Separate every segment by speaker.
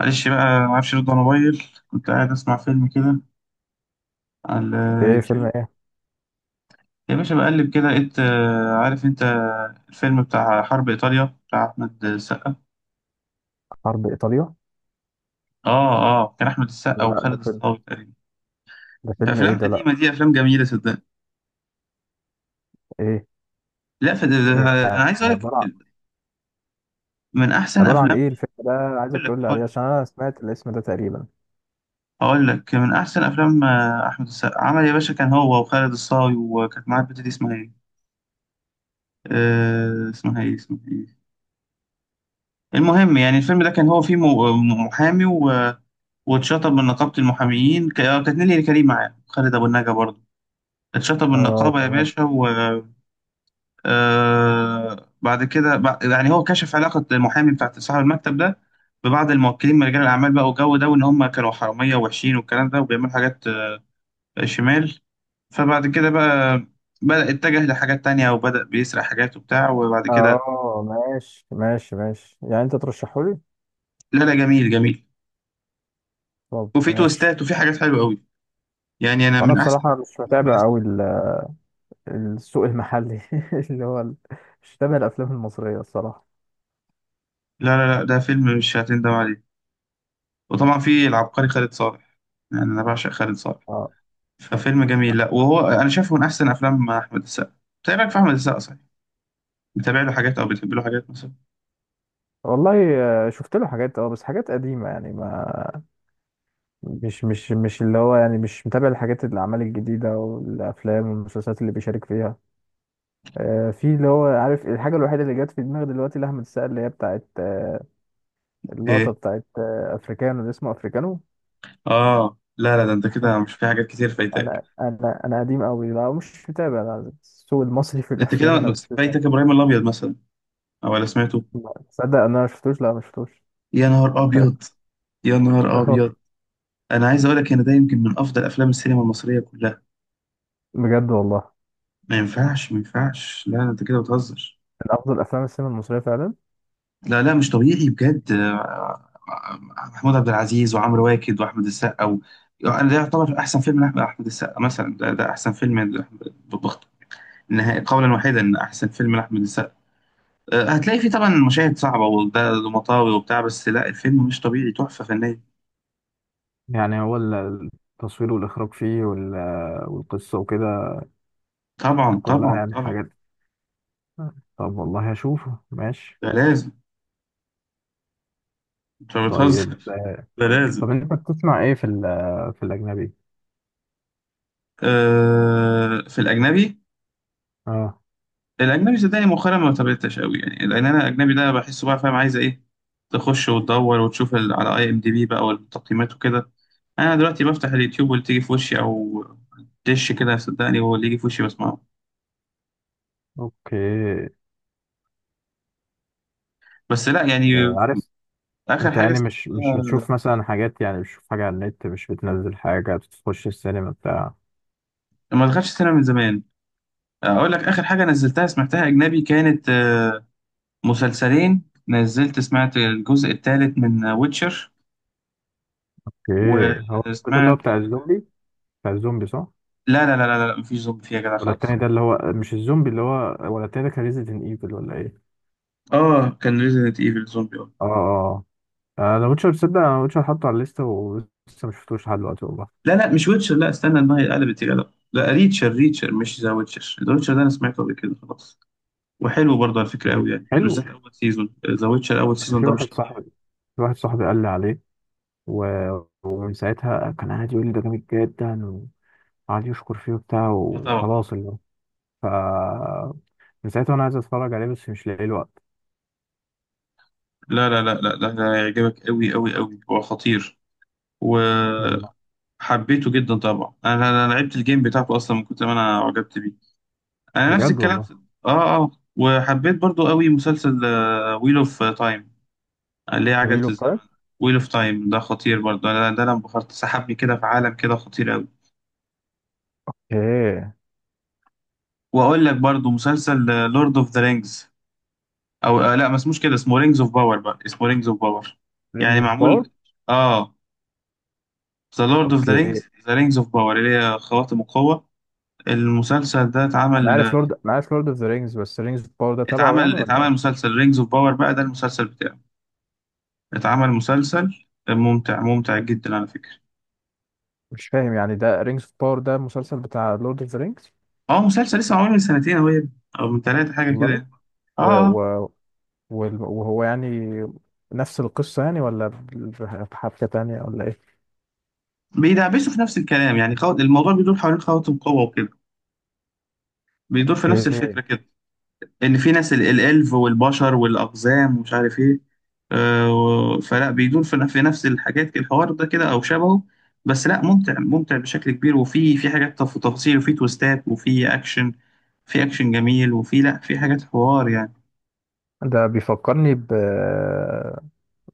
Speaker 1: معلش بقى، ما اعرفش ارد على موبايل، كنت قاعد اسمع فيلم كده على
Speaker 2: ايه فيلم
Speaker 1: اليوتيوب
Speaker 2: ايه؟
Speaker 1: يا باشا. بقلب كده لقيت عارف انت الفيلم بتاع حرب ايطاليا بتاع احمد السقا؟
Speaker 2: حرب ايطاليا.
Speaker 1: اه، اه، كان احمد السقا
Speaker 2: لا
Speaker 1: وخالد
Speaker 2: ده فيلم.
Speaker 1: الصاوي تقريبا.
Speaker 2: ده
Speaker 1: ده
Speaker 2: فيلم ايه
Speaker 1: افلام
Speaker 2: ده؟
Speaker 1: قديمه،
Speaker 2: لا
Speaker 1: دي افلام جميله صدقني.
Speaker 2: ايه
Speaker 1: لا، فده
Speaker 2: يعني
Speaker 1: انا عايز اقول لك
Speaker 2: عبارة عن؟
Speaker 1: من احسن
Speaker 2: عبارة عن
Speaker 1: افلام.
Speaker 2: ايه الفيلم ده؟ عايزك
Speaker 1: اقول لك
Speaker 2: تقول لي عليه
Speaker 1: اقول لك
Speaker 2: عشان انا سمعت الاسم ده تقريبا.
Speaker 1: اقول لك من احسن افلام، احمد السقا عمل يا باشا، كان هو وخالد الصاوي، وكانت معاه البت دي اسمها ايه. اسمها ايه؟ المهم يعني الفيلم ده كان هو فيه محامي و... واتشطب من نقابة المحاميين كانت نيلي كريم معاه خالد أبو النجا برضه. اتشطب من
Speaker 2: اه
Speaker 1: النقابة يا
Speaker 2: تمام.
Speaker 1: باشا و آه، بعد كده يعني هو كشف علاقة المحامي بتاع صاحب المكتب ده ببعض الموكلين من رجال الأعمال بقى، والجو ده، وإن هم كانوا حرامية ووحشين والكلام ده، وبيعملوا حاجات شمال. فبعد كده بقى بدأ اتجه لحاجات تانية، وبدأ بيسرق حاجات وبتاع، وبعد كده.
Speaker 2: اه ماشي، ماشي، ماشي، يعني انت ترشحه لي؟
Speaker 1: لا لا، جميل جميل.
Speaker 2: طب
Speaker 1: وفي
Speaker 2: ماشي.
Speaker 1: تويستات وفي حاجات حلوة أوي. يعني أنا
Speaker 2: وانا
Speaker 1: من أحسن،
Speaker 2: بصراحة مش
Speaker 1: أحمد
Speaker 2: متابع
Speaker 1: السقا.
Speaker 2: قوي السوق المحلي اللي هو مش متابع الافلام المصرية الصراحة.
Speaker 1: لا لا لا، ده فيلم مش هتندم عليه. وطبعا في العبقري خالد صالح. يعني أنا بعشق خالد صالح.
Speaker 2: اه.
Speaker 1: ففيلم جميل، لا وهو أنا شايفه من أحسن أفلام أحمد السقا. بتابعك في أحمد السقا صحيح؟ بتابع له حاجات أو بتحب له حاجات مثلا؟
Speaker 2: والله شفت له حاجات اه بس حاجات قديمة يعني ما مش اللي هو يعني مش متابع الحاجات الأعمال الجديدة والأفلام والمسلسلات اللي بيشارك فيها. في اللي هو عارف الحاجة الوحيدة اللي جت في دماغي دلوقتي لأحمد السقا اللي هي بتاعت اللقطة
Speaker 1: إيه؟
Speaker 2: بتاعت أفريكانو، اللي اسمه أفريكانو.
Speaker 1: آه، لا لا، ده أنت كده مش، في حاجات كتير فايتاك.
Speaker 2: أنا قديم أوي، لا مش متابع، لا السوق المصري في
Speaker 1: أنت كده
Speaker 2: الأفلام أنا مش متابع.
Speaker 1: فايتك إبراهيم الأبيض مثلا؟ أو ولا سمعته؟
Speaker 2: لا، تصدق أنا ما شفتوش، لا ما شفتوش.
Speaker 1: يا نهار أبيض! يا نهار
Speaker 2: أهو.
Speaker 1: أبيض! أنا عايز أقول لك إن ده يمكن من أفضل أفلام السينما المصرية كلها.
Speaker 2: بجد والله؟
Speaker 1: ما ينفعش، ما ينفعش، لا لا، أنت كده بتهزر.
Speaker 2: من أفضل أفلام السينما المصرية فعلا؟
Speaker 1: لا لا، مش طبيعي بجد. محمود عبد العزيز وعمرو واكد واحمد السقا و... يعني ده يعتبر احسن فيلم لاحمد أحمد السقا مثلا، ده احسن فيلم بخت نهائي، قولا واحدا ان احسن فيلم لاحمد السقا. هتلاقي فيه طبعا مشاهد صعبه وده مطاوي وبتاع، بس لا الفيلم مش طبيعي، تحفه فنيه.
Speaker 2: يعني هو التصوير والإخراج فيه والقصة وكده
Speaker 1: طبعا،
Speaker 2: كلها
Speaker 1: طبعا،
Speaker 2: يعني
Speaker 1: طبعا.
Speaker 2: حاجات. طب والله هشوفه ماشي.
Speaker 1: ده لازم. انت
Speaker 2: طيب.
Speaker 1: بتهزر! ده لازم.
Speaker 2: طب انت بتسمع ايه في ال في الاجنبي؟
Speaker 1: في الاجنبي.
Speaker 2: اه.
Speaker 1: الاجنبي صدقني مؤخرا ما تابعتش قوي يعني، لان انا الاجنبي ده بحسه بقى، فاهم عايزه ايه. تخش وتدور وتشوف على IMDB بقى، والتقييمات وكده. انا دلوقتي بفتح اليوتيوب واللي تيجي في وشي، او دش كده، صدقني هو اللي يجي في وشي بسمعه.
Speaker 2: اوكي.
Speaker 1: بس لا يعني.
Speaker 2: آه، عارف
Speaker 1: اخر
Speaker 2: انت،
Speaker 1: حاجه
Speaker 2: يعني مش
Speaker 1: سمعتها،
Speaker 2: بتشوف مثلا حاجات، يعني مش بتشوف حاجه على النت، مش بتنزل حاجه، بتخش السينما بتاع
Speaker 1: ما دخلتش السينما من زمان. اقول لك، اخر حاجه نزلتها سمعتها اجنبي كانت مسلسلين. نزلت سمعت الجزء الثالث من ويتشر،
Speaker 2: اوكي. هو ده اللي هو
Speaker 1: وسمعت.
Speaker 2: بتاع الزومبي؟ بتاع الزومبي صح؟
Speaker 1: لا، لا، لا، لا، لا، مفيش زومبي فيها كده
Speaker 2: ولا
Speaker 1: خالص.
Speaker 2: التاني ده اللي هو مش الزومبي اللي هو، ولا التاني ده كان ريزيدنت ايفل ولا ايه؟
Speaker 1: اه، كان ريزيدنت ايفل زومبي، اه.
Speaker 2: اه اه. آه، انا ويتشر تصدق انا ويتشر حاطه على الليسته ولسه مش شفتوش لحد دلوقتي والله.
Speaker 1: لا لا، مش ويتشر، لا، استنى، ان هي قلبت يا جدع. لا، ريتشر ريتشر، مش ذا ويتشر، ذا ويتشر ده انا سمعته قبل كده خلاص. وحلو برضه على فكره
Speaker 2: إيه،
Speaker 1: قوي يعني، بالذات
Speaker 2: حلو.
Speaker 1: اول سيزون ذا ويتشر، اول
Speaker 2: أنا
Speaker 1: سيزون
Speaker 2: في
Speaker 1: ده مش
Speaker 2: واحد
Speaker 1: طبيعي.
Speaker 2: صاحبي، في واحد صاحبي قال لي عليه، ومن ساعتها كان قاعد يقول لي ده جامد جدا، وقعد يشكر فيه وبتاع
Speaker 1: اه، طبعا.
Speaker 2: وخلاص اللي هو ف من ساعتها وانا عايز اتفرج عليه بس مش لاقي الوقت.
Speaker 1: لا، لا، لا، لا، ده هيعجبك قوي قوي قوي، هو خطير، وحبيته
Speaker 2: والله؟
Speaker 1: جدا طبعا. انا انا أنا لعبت الجيم بتاعته اصلا، من كتر ما انا عجبت بيه. انا نفس
Speaker 2: بجد
Speaker 1: الكلام
Speaker 2: والله؟
Speaker 1: اه، اه، وحبيت برضه قوي مسلسل ويل اوف تايم، اللي هي عجلة
Speaker 2: ويل اوف
Speaker 1: الزمن.
Speaker 2: تايم؟
Speaker 1: ويل اوف تايم ده خطير برضه، انا ده انا انبهرت، سحبني كده في عالم كده خطير قوي.
Speaker 2: ايه.
Speaker 1: واقول لك برضه مسلسل لورد اوف ذا رينجز، او لا، ما اسموش كده، اسمه رينجز اوف باور بقى، اسمه رينجز اوف باور.
Speaker 2: رينجز
Speaker 1: يعني
Speaker 2: اوف باور.
Speaker 1: معمول. اه، ذا لورد اوف ذا
Speaker 2: اوكي.
Speaker 1: رينجز، ذا رينجز اوف باور، اللي هي خواتم القوة. المسلسل ده
Speaker 2: انا عارف
Speaker 1: اتعمل
Speaker 2: لورد، انا عارف لورد اوف ذا رينجز، بس رينجز اوف باور ده تبعه يعني
Speaker 1: اتعمل
Speaker 2: ولا
Speaker 1: اتعمل
Speaker 2: ايه؟
Speaker 1: مسلسل رينجز اوف باور بقى، ده المسلسل بتاعه. اتعمل مسلسل ممتع، ممتع جدا على فكرة.
Speaker 2: مش فاهم يعني، ده رينجز اوف باور ده مسلسل بتاع لورد اوف ذا رينجز؟
Speaker 1: اه، مسلسل لسه معمول من سنتين اهو يا ابني، او من ثلاثة حاجة كده
Speaker 2: والله.
Speaker 1: يعني. اه،
Speaker 2: و...
Speaker 1: آه.
Speaker 2: و... وهو يعني نفس القصة يعني، ولا بحبكة تانية، ولا ايه؟
Speaker 1: بيدعبسوا في نفس الكلام يعني، الموضوع بيدور حوالين خواتم قوة وكده، بيدور في نفس
Speaker 2: اوكي.
Speaker 1: الفكرة كده. إن في ناس الإلف والبشر والأقزام ومش عارف إيه، فلا بيدور في نفس الحاجات كده، الحوار ده كده أو شبهه. بس لا، ممتع ممتع بشكل كبير، وفي حاجات تفاصيل، وفي تويستات، وفي أكشن. في أكشن جميل، وفي لا في حاجات حوار يعني.
Speaker 2: ده بيفكرني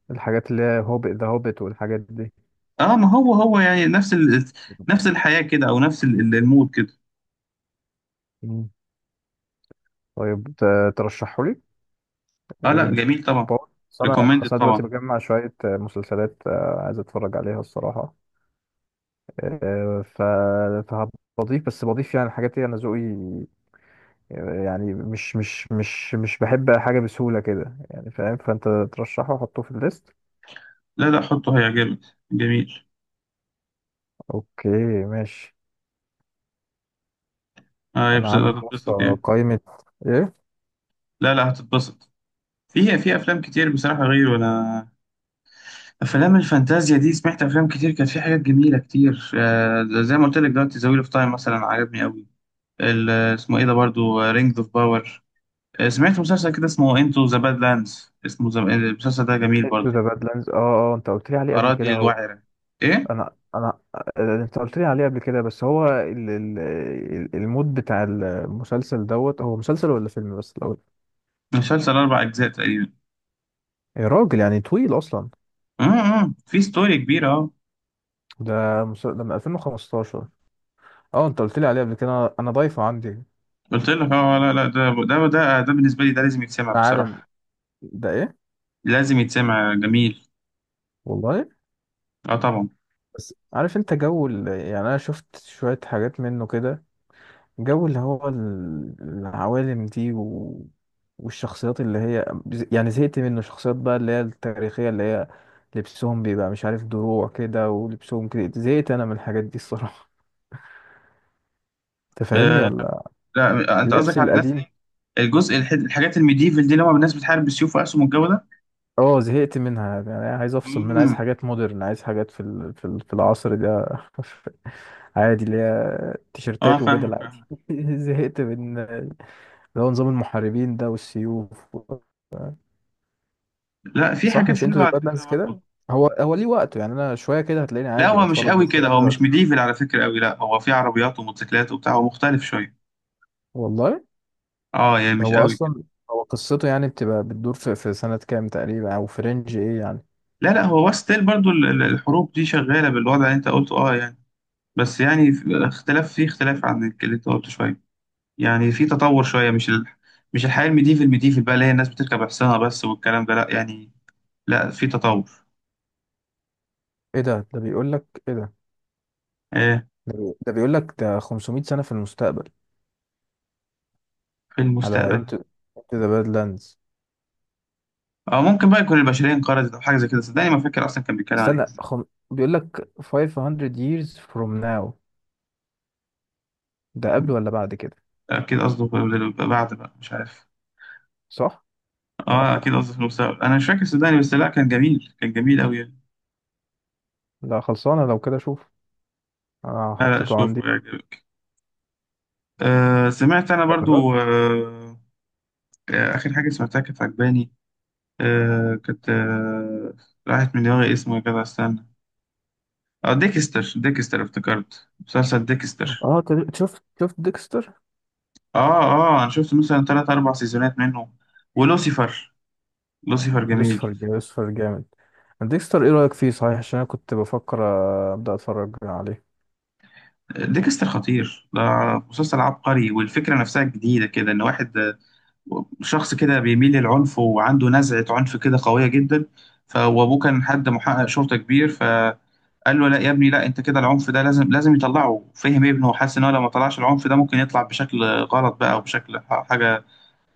Speaker 2: بالحاجات اللي هي هوبت، ذا هوبت والحاجات دي.
Speaker 1: اه، ما هو يعني نفس ال... نفس الحياة كده، أو نفس المود كده.
Speaker 2: مم. طيب ترشحوا لي
Speaker 1: اه، لا،
Speaker 2: الرينجز اوف
Speaker 1: جميل طبعا.
Speaker 2: باور، بس انا،
Speaker 1: ريكومندد
Speaker 2: بس انا دلوقتي
Speaker 1: طبعا.
Speaker 2: بجمع شويه مسلسلات، عايز اتفرج عليها الصراحه. آه، ف فهضيف، بس بضيف يعني الحاجات دي انا ذوقي، يعني مش بحب حاجه بسهوله كده يعني، فاهم؟ فانت ترشحه وحطه في الليست.
Speaker 1: لا لا، حطه هيعجبك، جميل.
Speaker 2: اوكي ماشي.
Speaker 1: اه،
Speaker 2: انا عندي يا
Speaker 1: هتتبسط
Speaker 2: اسطى
Speaker 1: يعني.
Speaker 2: قائمه. ايه؟
Speaker 1: لا لا، هتتبسط. في افلام كتير بصراحه غيره انا. افلام الفانتازيا دي سمعت افلام كتير كانت في حاجات جميله كتير، زي ما قلت لك دلوقتي، ذا ويل اوف تايم مثلا عجبني قوي. اسمه ايه ده برضو، رينجز اوف باور. سمعت مسلسل كده اسمه انتو ذا باد لاندز، اسمه المسلسل ده جميل
Speaker 2: انتو
Speaker 1: برضو.
Speaker 2: ذا بادلاندز، اه. اه انت قلت لي عليه قبل
Speaker 1: اراضي
Speaker 2: كده هو.
Speaker 1: الوعره. ايه،
Speaker 2: انا آه، انت قلت لي عليه قبل كده بس هو ال... ال... المود بتاع المسلسل دوت. هو مسلسل ولا فيلم بس الاول؟
Speaker 1: مسلسل اربع اجزاء تقريبا.
Speaker 2: يا راجل، يعني طويل اصلا.
Speaker 1: أمم. في ستوري كبيره، اه.
Speaker 2: ده مسلسل ده من 2015؟ اه انت قلت لي عليه قبل كده، أنا ضايفه عندي.
Speaker 1: قلت لك، اه، لا لا، ده بالنسبه لي، ده لازم يتسمع
Speaker 2: عالم.
Speaker 1: بصراحه.
Speaker 2: ده ايه؟
Speaker 1: لازم يتسمع، جميل.
Speaker 2: والله.
Speaker 1: اه، طبعا.
Speaker 2: بس عارف انت جو ال...، يعني انا شفت شوية حاجات منه كده، جو اللي هو العوالم دي، و... والشخصيات اللي هي، يعني زهقت منه شخصيات بقى اللي هي التاريخية، اللي هي لبسهم بيبقى مش عارف دروع كده ولبسهم كده. زهقت انا من الحاجات دي الصراحة. تفهمني
Speaker 1: آه،
Speaker 2: ولا؟
Speaker 1: لا، انت قصدك
Speaker 2: اللبس
Speaker 1: على الناس اللي...
Speaker 2: القديم.
Speaker 1: الحاجات الميديفل دي، اللي هم الناس بتحارب بالسيوف واسهم والجو ده.
Speaker 2: اه، زهقت منها يعني، عايز افصل منها، عايز
Speaker 1: امم
Speaker 2: حاجات مودرن، عايز حاجات في ال... في ال... في العصر ده. عادي، اللي هي
Speaker 1: اه،
Speaker 2: تيشيرتات
Speaker 1: فاهمك
Speaker 2: وبدل عادي.
Speaker 1: فاهمك.
Speaker 2: زهقت من اللي هو نظام المحاربين ده والسيوف.
Speaker 1: لا، في
Speaker 2: صح،
Speaker 1: حاجات
Speaker 2: مش انتوا
Speaker 1: حلوه
Speaker 2: ذا
Speaker 1: على فكره
Speaker 2: بادلاندز كده؟
Speaker 1: برضه.
Speaker 2: هو، هو ليه وقته يعني، انا شويه كده هتلاقيني
Speaker 1: لا،
Speaker 2: عادي
Speaker 1: هو مش
Speaker 2: بتفرج،
Speaker 1: قوي
Speaker 2: بس
Speaker 1: كده،
Speaker 2: انا
Speaker 1: هو مش
Speaker 2: دلوقتي
Speaker 1: ميديفل على فكره قوي، لا، هو في عربيات وموتوسيكلات وبتاع، هو مختلف شويه.
Speaker 2: والله.
Speaker 1: اه يعني مش
Speaker 2: هو
Speaker 1: قوي كده.
Speaker 2: اصلا، هو قصته يعني بتبقى بتدور في، في سنه كام تقريبا او في رينج ايه يعني؟
Speaker 1: لا لا، هو ستيل برضه الحروب دي شغاله بالوضع اللي انت قلته، اه يعني. بس يعني في اختلاف عن اللي انت قلته شويه، يعني في تطور شويه، مش ال... مش الحياه الميديفل ميديفل بقى، اللي هي الناس بتركب حصانه بس والكلام ده، لا يعني. لا، في تطور.
Speaker 2: ايه ده؟ ده بيقول لك ايه ده؟
Speaker 1: آه،
Speaker 2: ده، بي... ده بيقول لك ده 500 سنه في المستقبل.
Speaker 1: في
Speaker 2: على
Speaker 1: المستقبل،
Speaker 2: انتو، انتو ذا بادلاندز.
Speaker 1: أو ممكن بقى يكون البشرية انقرضت أو حاجة زي كده، صدقني ما فاكر أصلا كان بيتكلم عن إيه.
Speaker 2: استنى خم... بيقول لك 500 years from now. ده قبل ولا بعد كده؟
Speaker 1: أكيد قصده بعد بقى، مش عارف.
Speaker 2: صح.
Speaker 1: أه، أكيد قصده في المستقبل، أنا مش فاكر صدقني، بس لا كان جميل، كان جميل أوي يعني.
Speaker 2: لا خلصانه لو كده، شوف انا
Speaker 1: لا لا،
Speaker 2: حطيته عندي.
Speaker 1: شوفه يعجبك. آه، سمعت أنا
Speaker 2: قررت.
Speaker 1: برضو، آه. آخر حاجة سمعتها كانت عجباني، كانت راحت من دماغي اسمه يا جدع، استنى. أه، ديكستر، ديكستر، افتكرت مسلسل ديكستر.
Speaker 2: اه شفت، شفت ديكستر.
Speaker 1: اه، اه، انا شفت مثلا ثلاث اربع سيزونات منه، ولوسيفر. لوسيفر جميل.
Speaker 2: لوسيفر جامد، لوسيفر جامد. ديكستر ايه رأيك فيه صحيح؟ عشان انا كنت بفكر ابدأ اتفرج عليه.
Speaker 1: ديكستر خطير، ده مسلسل عبقري، والفكره نفسها جديده كده، ان واحد، شخص كده بيميل للعنف وعنده نزعه عنف كده قويه جدا. فابوه كان حد محقق شرطه كبير، فقال له: لا يا ابني، لا، انت كده العنف ده لازم لازم يطلعه. فهم ابنه وحس ان هو لو ما طلعش العنف ده ممكن يطلع بشكل غلط بقى، وبشكل حاجه،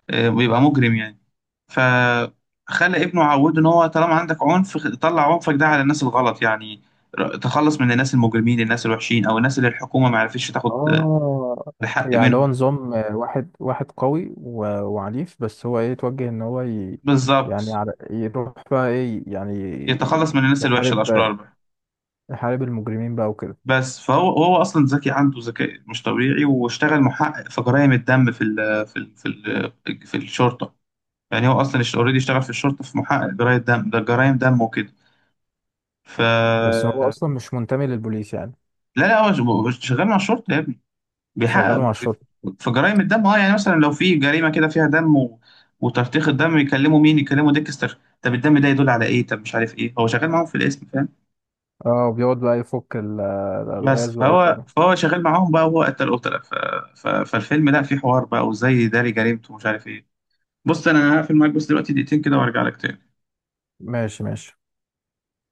Speaker 1: بيبقى مجرم يعني. فخلى ابنه عوده، ان هو طالما عندك عنف طلع عنفك ده على الناس الغلط يعني، تخلص من الناس المجرمين، الناس الوحشين، او الناس اللي الحكومه ما عرفتش تاخد
Speaker 2: اه،
Speaker 1: الحق
Speaker 2: يعني اللي هو
Speaker 1: منهم.
Speaker 2: نظام آه، واحد واحد قوي وعنيف، بس هو ايه يتوجه ان هو ي...، يعني
Speaker 1: بالظبط،
Speaker 2: على... يروح بقى ايه يعني؟
Speaker 1: يتخلص من الناس الوحشه
Speaker 2: يحارب،
Speaker 1: الاشرار بقى.
Speaker 2: يحارب المجرمين بقى وكده.
Speaker 1: بس فهو اصلا ذكي، عنده ذكاء مش طبيعي، واشتغل محقق في جرائم الدم في الشرطه. يعني هو اصلا اوريدي اشتغل في الشرطه، في محقق جرائم دم، ده جرائم دم وكده. ف
Speaker 2: بس هو اصلا مش منتمي للبوليس يعني؟
Speaker 1: لا لا، هو شغال مع الشرطه يا ابني،
Speaker 2: شغال
Speaker 1: بيحقق
Speaker 2: مع الشرطة.
Speaker 1: في جرائم الدم، اه. يعني مثلا لو في جريمه كده فيها دم و... وترتيخ الدم، يكلموا مين؟ يكلموا ديكستر. طب الدم ده يدل على ايه؟ طب مش عارف ايه، هو شغال معاهم في الاسم، فاهم؟
Speaker 2: اه، وبيقعد بقى يفك
Speaker 1: بس
Speaker 2: الالغاز بقى
Speaker 1: فهو
Speaker 2: وكده.
Speaker 1: فهو شغال معاهم بقى، وهو قتل قتله، فالفيلم، لا فيه حوار بقى، وازاي يداري جريمته ومش عارف ايه. بص، انا هقفل معاك بس دلوقتي دقيقتين كده، وارجع لك تاني.
Speaker 2: ماشي، ماشي.